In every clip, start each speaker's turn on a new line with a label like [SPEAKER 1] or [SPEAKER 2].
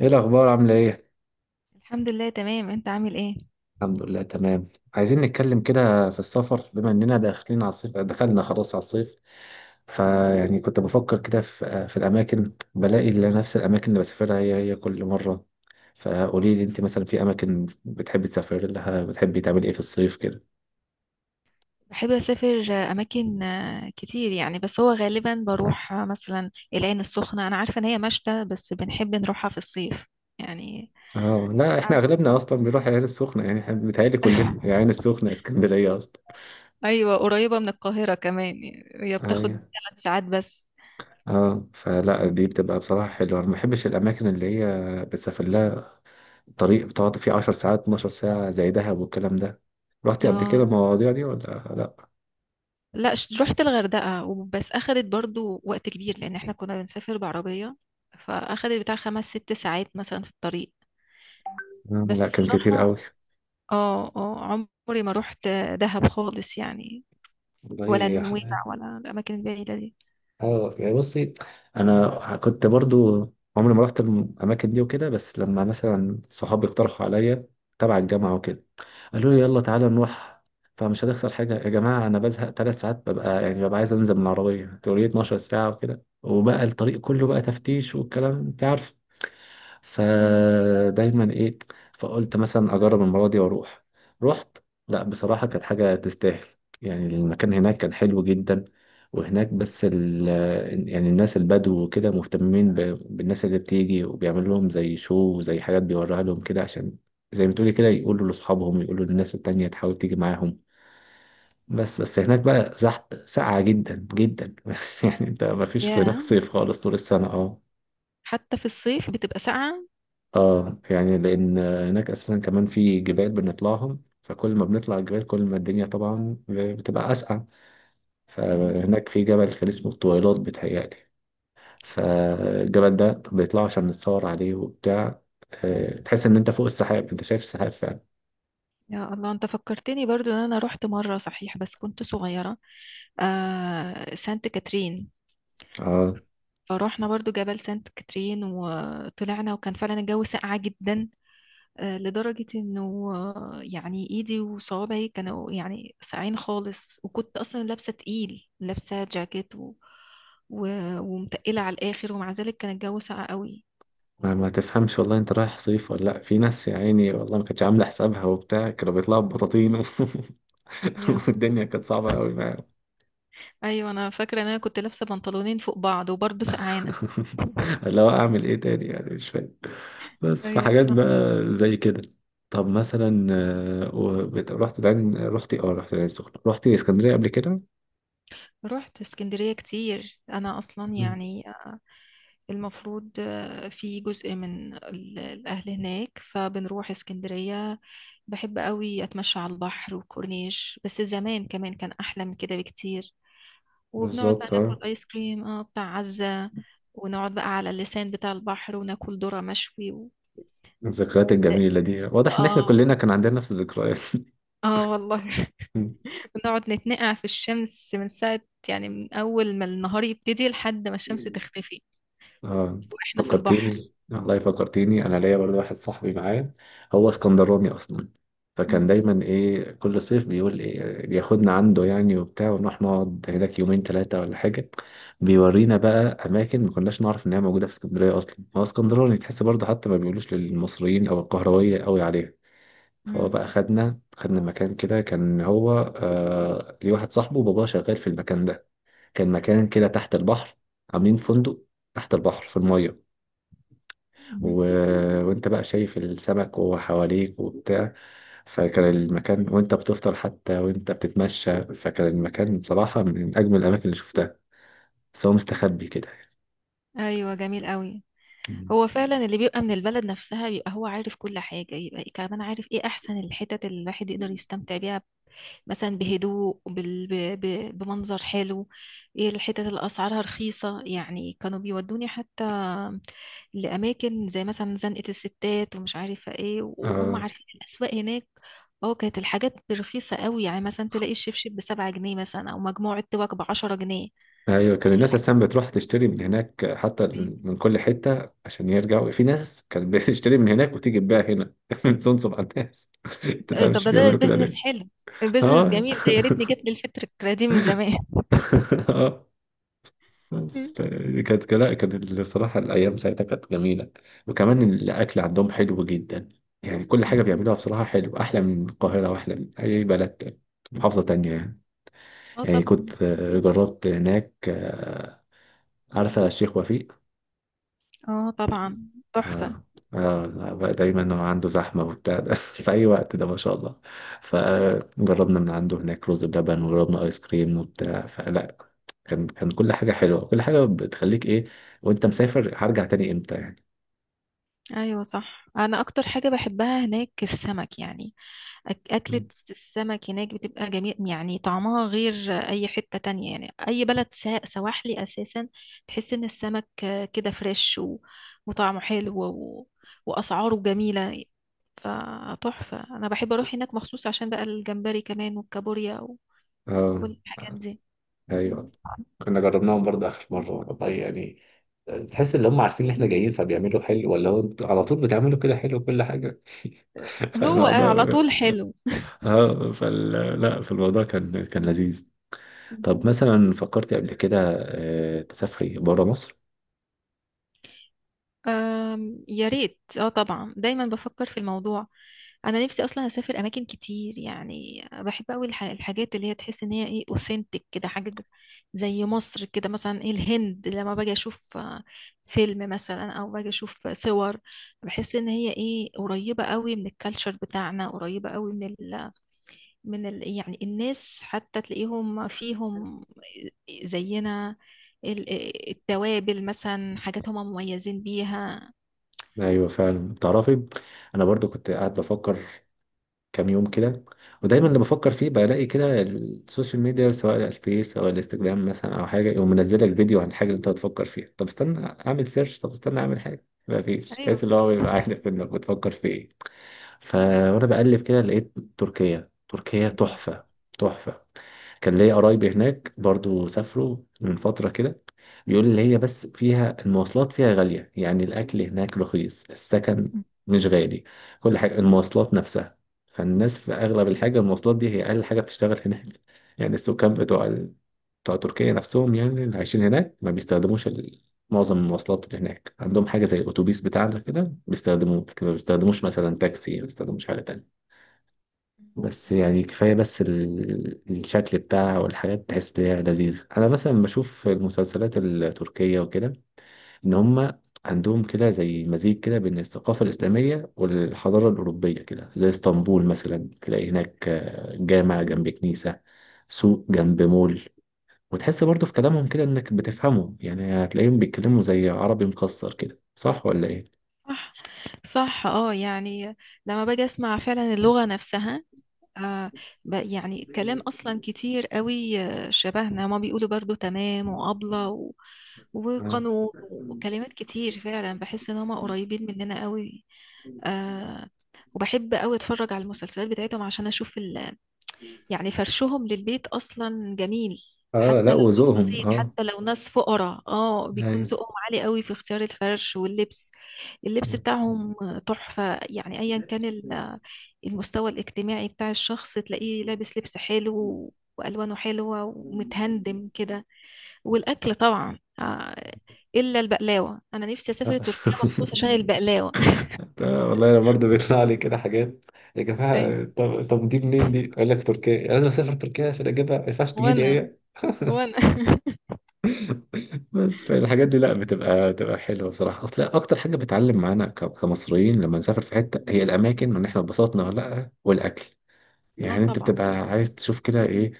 [SPEAKER 1] ايه الاخبار؟ عامله ايه؟
[SPEAKER 2] الحمد لله تمام، انت عامل ايه؟
[SPEAKER 1] الحمد لله تمام. عايزين نتكلم كده في السفر، بما اننا داخلين على الصيف، دخلنا خلاص على الصيف. فيعني كنت بفكر كده في الاماكن، بلاقي اللي نفس الاماكن اللي بسافرها هي كل مره. فقولي لي انت مثلا، في اماكن بتحبي تسافري لها؟ بتحبي تعملي ايه في الصيف كده؟
[SPEAKER 2] بحب اسافر اماكن كتير يعني، بس هو غالبا بروح مثلا العين السخنة. انا عارفة ان هي مشتى بس بنحب نروحها في الصيف يعني.
[SPEAKER 1] اه لا، احنا
[SPEAKER 2] عارفة.
[SPEAKER 1] اغلبنا اصلا بنروح العين السخنه، يعني إحنا بيتهيألي كلنا العين السخنه اسكندريه اصلا.
[SPEAKER 2] ايوه، قريبة من القاهرة كمان، يعني هي
[SPEAKER 1] ايوه،
[SPEAKER 2] بتاخد 3 ساعات بس.
[SPEAKER 1] اه. فلا دي
[SPEAKER 2] مهم.
[SPEAKER 1] بتبقى بصراحه حلوه، انا ما بحبش الاماكن اللي هي بتسافر لها الطريق بتقعد فيه 10 ساعات، 12 ساعة، زي دهب والكلام ده. رحتي قبل كده
[SPEAKER 2] اه،
[SPEAKER 1] المواضيع دي ولا لا؟
[SPEAKER 2] لا. رحت الغردقة وبس، اخدت برضو وقت كبير لان احنا كنا بنسافر بعربية، فاخدت بتاع خمس ست ساعات مثلا في الطريق. بس
[SPEAKER 1] لا، كان كتير
[SPEAKER 2] الصراحة.
[SPEAKER 1] قوي.
[SPEAKER 2] اه، اه. عمري ما روحت دهب خالص يعني،
[SPEAKER 1] والله
[SPEAKER 2] ولا
[SPEAKER 1] يا
[SPEAKER 2] نويبع،
[SPEAKER 1] حلال.
[SPEAKER 2] ولا الأماكن البعيدة دي.
[SPEAKER 1] اه يعني بصي، انا كنت برضو عمري ما رحت الاماكن دي وكده، بس لما مثلا صحابي اقترحوا عليا، تبع الجامعة وكده، قالوا لي يلا تعالى نروح، فمش هتخسر حاجة يا جماعة. أنا بزهق تلات ساعات، ببقى يعني ببقى عايز أنزل من العربية، تقولي 12 ساعة وكده؟ وبقى الطريق كله بقى تفتيش والكلام، أنت عارف.
[SPEAKER 2] ايوه.
[SPEAKER 1] فدايما ايه، فقلت مثلا اجرب المره دي واروح. رحت، لا بصراحه كانت حاجه تستاهل. يعني المكان هناك كان حلو جدا. وهناك بس ال، يعني الناس البدو وكده مهتمين بالناس اللي بتيجي، وبيعمل لهم زي شو وزي حاجات، بيوريها لهم كده، عشان زي ما تقولي كده يقولوا لاصحابهم، يقولوا للناس التانية تحاول تيجي معاهم. بس هناك بقى زحمة ساقعة جدا جدا. يعني انت ما فيش هناك
[SPEAKER 2] يا،
[SPEAKER 1] صيف خالص طول السنة. اه
[SPEAKER 2] حتى في الصيف بتبقى ساقعة.
[SPEAKER 1] اه، يعني لان هناك اساسا كمان في جبال بنطلعهم، فكل ما بنطلع الجبال كل ما الدنيا طبعا بتبقى اسقع.
[SPEAKER 2] مهم.
[SPEAKER 1] فهناك في جبل كان اسمه الطويلات بتهيألي. فالجبل ده بيطلعوا عشان نتصور عليه وبتاع. تحس ان انت فوق السحاب، انت شايف السحاب فعلا.
[SPEAKER 2] يا الله، انت فكرتني برضو ان انا رحت مرة، صحيح بس كنت صغيرة. سانت كاترين.
[SPEAKER 1] اه،
[SPEAKER 2] فروحنا برضو جبل سانت كاترين وطلعنا، وكان فعلا الجو ساقعة جدا، لدرجة انه يعني ايدي وصوابعي كانوا يعني ساقعين خالص، وكنت اصلا لابسة تقيل، لابسة جاكيت و... ومتقلة على الاخر، ومع ذلك كان الجو ساقع قوي.
[SPEAKER 1] ما تفهمش والله انت رايح صيف ولا لا. في ناس يا عيني والله ما كانتش عامله حسابها وبتاع، كانوا بيطلعوا ببطاطين.
[SPEAKER 2] يا الله.
[SPEAKER 1] والدنيا كانت صعبه قوي.
[SPEAKER 2] ايوه، انا فاكرة ان انا كنت لابسة بنطلونين فوق بعض وبرضه سقعانة.
[SPEAKER 1] اللي هو اعمل ايه تاني يعني، مش فاهم. بس في
[SPEAKER 2] ايوه
[SPEAKER 1] حاجات
[SPEAKER 2] صح.
[SPEAKER 1] بقى زي كده. طب مثلا، رحت العين، رحت إيه؟ اه رحت العين السخنة، رحت اسكندرية قبل كده.
[SPEAKER 2] رحت اسكندرية كتير انا اصلا،
[SPEAKER 1] مم.
[SPEAKER 2] يعني المفروض في جزء من الأهل هناك، فبنروح اسكندرية. بحب قوي أتمشى على البحر وكورنيش، بس زمان كمان كان أحلى من كده بكتير. وبنقعد بقى
[SPEAKER 1] بالظبط اه.
[SPEAKER 2] ناكل آيس كريم، اه، بتاع عزة. ونقعد بقى على اللسان بتاع البحر وناكل ذرة مشوي
[SPEAKER 1] الذكريات
[SPEAKER 2] و...
[SPEAKER 1] الجميلة دي، واضح ان احنا
[SPEAKER 2] اه،
[SPEAKER 1] كلنا كان عندنا نفس الذكريات.
[SPEAKER 2] اه والله. بنقعد نتنقع في الشمس من ساعة، يعني من أول ما النهار يبتدي لحد ما الشمس
[SPEAKER 1] مم.
[SPEAKER 2] تختفي
[SPEAKER 1] اه،
[SPEAKER 2] واحنا في
[SPEAKER 1] فكرتيني
[SPEAKER 2] البحر.
[SPEAKER 1] والله، فكرتيني. انا ليا برضه واحد صاحبي معايا، هو اسكندراني اصلا، فكان
[SPEAKER 2] مم.
[SPEAKER 1] دايما ايه كل صيف بيقول ايه، بياخدنا عنده يعني وبتاع، ونروح نقعد هناك يومين ثلاثه ولا حاجه. بيورينا بقى اماكن ما كناش نعرف ان هي موجوده في اسكندريه اصلا، هو اسكندراني تحس برضه حتى ما بيقولوش للمصريين او القهرويه قوي عليها. فهو
[SPEAKER 2] مم.
[SPEAKER 1] بقى خدنا، مكان كده كان هو، آه ليه، واحد صاحبه باباه شغال في المكان ده. كان مكان كده تحت البحر، عاملين فندق تحت البحر في الميه.
[SPEAKER 2] مم.
[SPEAKER 1] و... وانت بقى شايف السمك وهو حواليك وبتاع. فكان المكان وانت بتفطر حتى، وانت بتتمشى، فكان المكان بصراحة من أجمل الأماكن اللي شفتها. بس هو مستخبي كده
[SPEAKER 2] ايوه، جميل قوي.
[SPEAKER 1] يعني.
[SPEAKER 2] هو فعلا اللي بيبقى من البلد نفسها بيبقى هو عارف كل حاجة، يبقى كمان عارف ايه احسن الحتت اللي الواحد يقدر يستمتع بيها، مثلا بهدوء، بمنظر حلو، ايه الحتت اللي اسعارها رخيصة. يعني كانوا بيودوني حتى لاماكن، زي مثلا زنقة الستات ومش عارفة ايه، وهم
[SPEAKER 1] آه.
[SPEAKER 2] عارفين الاسواق هناك. اه، كانت الحاجات رخيصة قوي، يعني مثلا تلاقي الشبشب بـ7 جنيه مثلا، او مجموعة توك بـ10 جنيه.
[SPEAKER 1] أيوة، كان الناس أساسا بتروح تشتري من هناك حتى، من كل حتة، عشان يرجعوا. في ناس كانت بتشتري من هناك وتيجي تبيع هنا، تنصب على الناس.
[SPEAKER 2] طب
[SPEAKER 1] تفهمش
[SPEAKER 2] ده
[SPEAKER 1] بيعملوا كده
[SPEAKER 2] بيزنس
[SPEAKER 1] ليه؟
[SPEAKER 2] حلو. بيزنس
[SPEAKER 1] اه.
[SPEAKER 2] جميل ده، يا ريتني جت لي الفكرة دي من زمان.
[SPEAKER 1] اه. بس
[SPEAKER 2] مم.
[SPEAKER 1] كانت، لا كانت، الصراحة الأيام ساعتها كانت جميلة. وكمان الأكل عندهم حلو جدا. يعني كل
[SPEAKER 2] مم.
[SPEAKER 1] حاجة بيعملوها بصراحة حلو، أحلى من القاهرة وأحلى من أي بلد تاني، محافظة تانية يعني.
[SPEAKER 2] اه
[SPEAKER 1] يعني
[SPEAKER 2] طبعا.
[SPEAKER 1] كنت جربت هناك، آه، عارفة الشيخ وفيق؟
[SPEAKER 2] اه طبعا. تحفة.
[SPEAKER 1] اه. اه لا، بقى دايما هو عنده زحمة وبتاع ده، في أي وقت ده ما شاء الله. فجربنا من عنده هناك رز بلبن، وجربنا آيس كريم وبتاع، فلا كان، كل حاجة حلوة. كل حاجة بتخليك إيه، وأنت مسافر، هرجع تاني إمتى يعني.
[SPEAKER 2] ايوه صح، انا اكتر حاجة بحبها هناك السمك يعني. اكلة السمك هناك بتبقى جميل، يعني طعمها غير اي حتة تانية، يعني اي بلد سواحلي اساسا. تحس ان السمك كده فريش وطعمه حلو واسعاره جميلة، فتحفة. انا بحب اروح هناك مخصوص عشان بقى الجمبري كمان والكابوريا،
[SPEAKER 1] اه
[SPEAKER 2] كل الحاجات دي.
[SPEAKER 1] أيوه.
[SPEAKER 2] مم.
[SPEAKER 1] كنا جربناهم برضه آخر مرة والله يعني، تحس إن هم عارفين إن إحنا جايين فبيعملوا حلو، ولا هو أنتوا على طول بتعملوا كده حلو كل حاجة.
[SPEAKER 2] هو على
[SPEAKER 1] فالموضوع،
[SPEAKER 2] طول حلو.
[SPEAKER 1] اه فال، لا فالموضوع كان، لذيذ. طب
[SPEAKER 2] مم.
[SPEAKER 1] مثلا، فكرتي قبل كده تسافري بره مصر؟
[SPEAKER 2] يا ريت. اه طبعا، دايما بفكر في الموضوع. انا نفسي اصلا اسافر اماكن كتير، يعني بحب قوي الحاجات اللي هي تحس ان هي ايه، اوثنتك كده، حاجه زي مصر كده مثلا، ايه، الهند لما باجي اشوف فيلم مثلا، او باجي اشوف صور، بحس ان هي ايه قريبه قوي من الكالتشر بتاعنا، قريبه قوي يعني الناس حتى تلاقيهم فيهم زينا. التوابل مثلا، حاجات هم مميزين بيها.
[SPEAKER 1] ايوه فعلا تعرفي، انا برضو كنت قاعد بفكر كام يوم كده. ودايما اللي بفكر فيه بلاقي كده السوشيال ميديا، سواء الفيس او الانستجرام مثلا، او حاجه، يقوم منزل لك فيديو عن حاجه انت هتفكر فيها. طب استنى اعمل سيرش، طب استنى اعمل حاجه، ما فيش.
[SPEAKER 2] ايوه
[SPEAKER 1] تحس اللي هو بيبقى عارف انك بتفكر في ايه. فوانا بقلب كده لقيت تركيا. تركيا تحفة، تحفة. كان ليا قرايبي هناك برضو، سافروا من فترة كده. بيقول لي هي بس فيها المواصلات فيها غالية، يعني الأكل هناك رخيص، السكن مش غالي، كل حاجة. المواصلات نفسها، فالناس في أغلب الحاجة المواصلات دي هي أقل حاجة بتشتغل هناك. يعني السكان بتوع، تركيا نفسهم، يعني اللي عايشين هناك، ما بيستخدموش معظم المواصلات اللي هناك. عندهم حاجة زي الأتوبيس بتاعنا كده بيستخدموه، لكن ما بيستخدموش مثلا تاكسي، ما بيستخدموش حاجة تانية. بس يعني كفاية بس الشكل بتاعها والحاجات، تحس إن هي لذيذة. أنا مثلا بشوف المسلسلات التركية وكده، إن هما عندهم كده زي مزيج كده بين الثقافة الإسلامية والحضارة الأوروبية كده، زي اسطنبول مثلا، تلاقي هناك جامع جنب كنيسة، سوق جنب مول. وتحس برضه في كلامهم كده انك بتفهمه، يعني هتلاقيهم بيتكلموا زي عربي مكسر كده، صح ولا ايه؟
[SPEAKER 2] صح. صح، اه يعني لما باجي اسمع فعلا اللغة نفسها. آه يعني كلام اصلا كتير قوي شبهنا، ما بيقولوا برضو تمام وابلة
[SPEAKER 1] اه.
[SPEAKER 2] وقانون وكلمات كتير، فعلا بحس ان هم قريبين مننا قوي. آه وبحب قوي اتفرج على المسلسلات بتاعتهم عشان اشوف يعني فرشهم للبيت اصلا جميل،
[SPEAKER 1] اه
[SPEAKER 2] حتى
[SPEAKER 1] لا
[SPEAKER 2] لو
[SPEAKER 1] وذوقهم،
[SPEAKER 2] بسيط،
[SPEAKER 1] اه.
[SPEAKER 2] حتى لو ناس فقراء، اه، بيكون
[SPEAKER 1] ايوه.
[SPEAKER 2] ذوقهم عالي قوي في اختيار الفرش واللبس. اللبس بتاعهم تحفة يعني، ايا كان المستوى الاجتماعي بتاع الشخص تلاقيه لابس لبس حلو والوانه حلوة ومتهندم كده. والاكل طبعا، الا البقلاوة، انا نفسي اسافر تركيا مخصوص عشان البقلاوة.
[SPEAKER 1] والله انا برضه بيطلع لي كده حاجات. يا جماعه،
[SPEAKER 2] ايوه.
[SPEAKER 1] طب دي منين دي؟ اقول لك تركيا، لازم اسافر تركيا عشان اجيبها، ما ينفعش تجي
[SPEAKER 2] وانا
[SPEAKER 1] لي.
[SPEAKER 2] وانا
[SPEAKER 1] بس فالحاجات دي، لا بتبقى، حلوه بصراحه. اصل اكتر حاجه بتعلم معانا كمصريين لما نسافر في حته، هي الاماكن، وان احنا اتبسطنا ولا لا، والاكل.
[SPEAKER 2] اه
[SPEAKER 1] يعني انت
[SPEAKER 2] طبعا.
[SPEAKER 1] بتبقى عايز تشوف كده ايه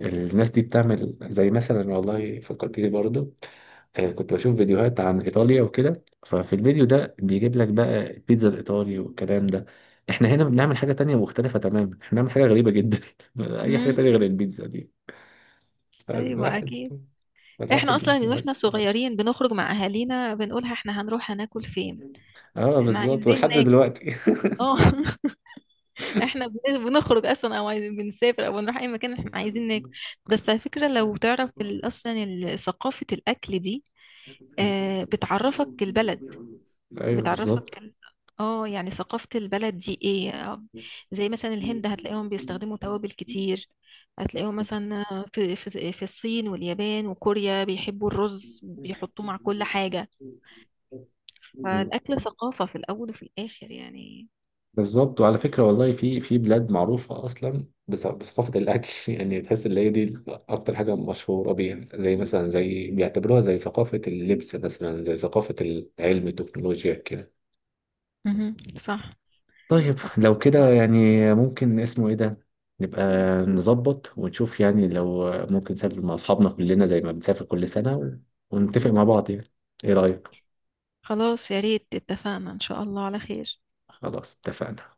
[SPEAKER 1] الناس دي بتعمل، زي مثلا، والله فكرت لي برضه، كنت بشوف فيديوهات عن ايطاليا وكده، ففي الفيديو ده بيجيب لك بقى البيتزا الايطالي والكلام ده، احنا هنا بنعمل حاجه تانية مختلفه تماما، احنا بنعمل حاجه غريبه جدا. اي حاجه تانية غير
[SPEAKER 2] امم.
[SPEAKER 1] البيتزا دي.
[SPEAKER 2] ايوه
[SPEAKER 1] فالواحد،
[SPEAKER 2] اكيد. احنا
[SPEAKER 1] الواحد
[SPEAKER 2] اصلا
[SPEAKER 1] يشوف.
[SPEAKER 2] واحنا صغيرين بنخرج مع اهالينا بنقولها، احنا هنروح هناكل فين،
[SPEAKER 1] اه
[SPEAKER 2] احنا
[SPEAKER 1] بالظبط
[SPEAKER 2] عايزين
[SPEAKER 1] ولحد
[SPEAKER 2] ناكل.
[SPEAKER 1] دلوقتي.
[SPEAKER 2] اه. احنا بنخرج اصلا، او عايزين بنسافر، او بنروح اي مكان، احنا عايزين ناكل. بس على فكره، لو تعرف اصلا ثقافه الاكل دي، بتعرفك البلد،
[SPEAKER 1] ايوه
[SPEAKER 2] بتعرفك
[SPEAKER 1] بالظبط.
[SPEAKER 2] اه يعني ثقافة البلد دي ايه. زي مثلا الهند هتلاقيهم بيستخدموا توابل كتير، هتلاقيهم مثلا في الصين واليابان وكوريا بيحبوا الرز بيحطوه مع كل حاجة.
[SPEAKER 1] مم.
[SPEAKER 2] فالأكل ثقافة في الأول وفي الآخر يعني.
[SPEAKER 1] بالظبط، وعلى فكره والله، في في بلاد معروفه اصلا بثقافه الاكل. يعني تحس ان هي دي اكتر حاجه مشهوره بيها، زي مثلا، زي بيعتبروها زي ثقافه اللبس مثلا، زي ثقافه العلم، التكنولوجيا كده.
[SPEAKER 2] مهم. صح.
[SPEAKER 1] طيب
[SPEAKER 2] أتفق
[SPEAKER 1] لو كده
[SPEAKER 2] معاك.
[SPEAKER 1] يعني، ممكن اسمه ايه ده، نبقى نظبط ونشوف، يعني لو ممكن نسافر مع اصحابنا كلنا زي ما بنسافر كل سنة، ونتفق مع بعض يعني. ايه رأيك؟
[SPEAKER 2] خلاص يا ريت، اتفقنا إن شاء الله على خير.
[SPEAKER 1] خلاص اتفقنا.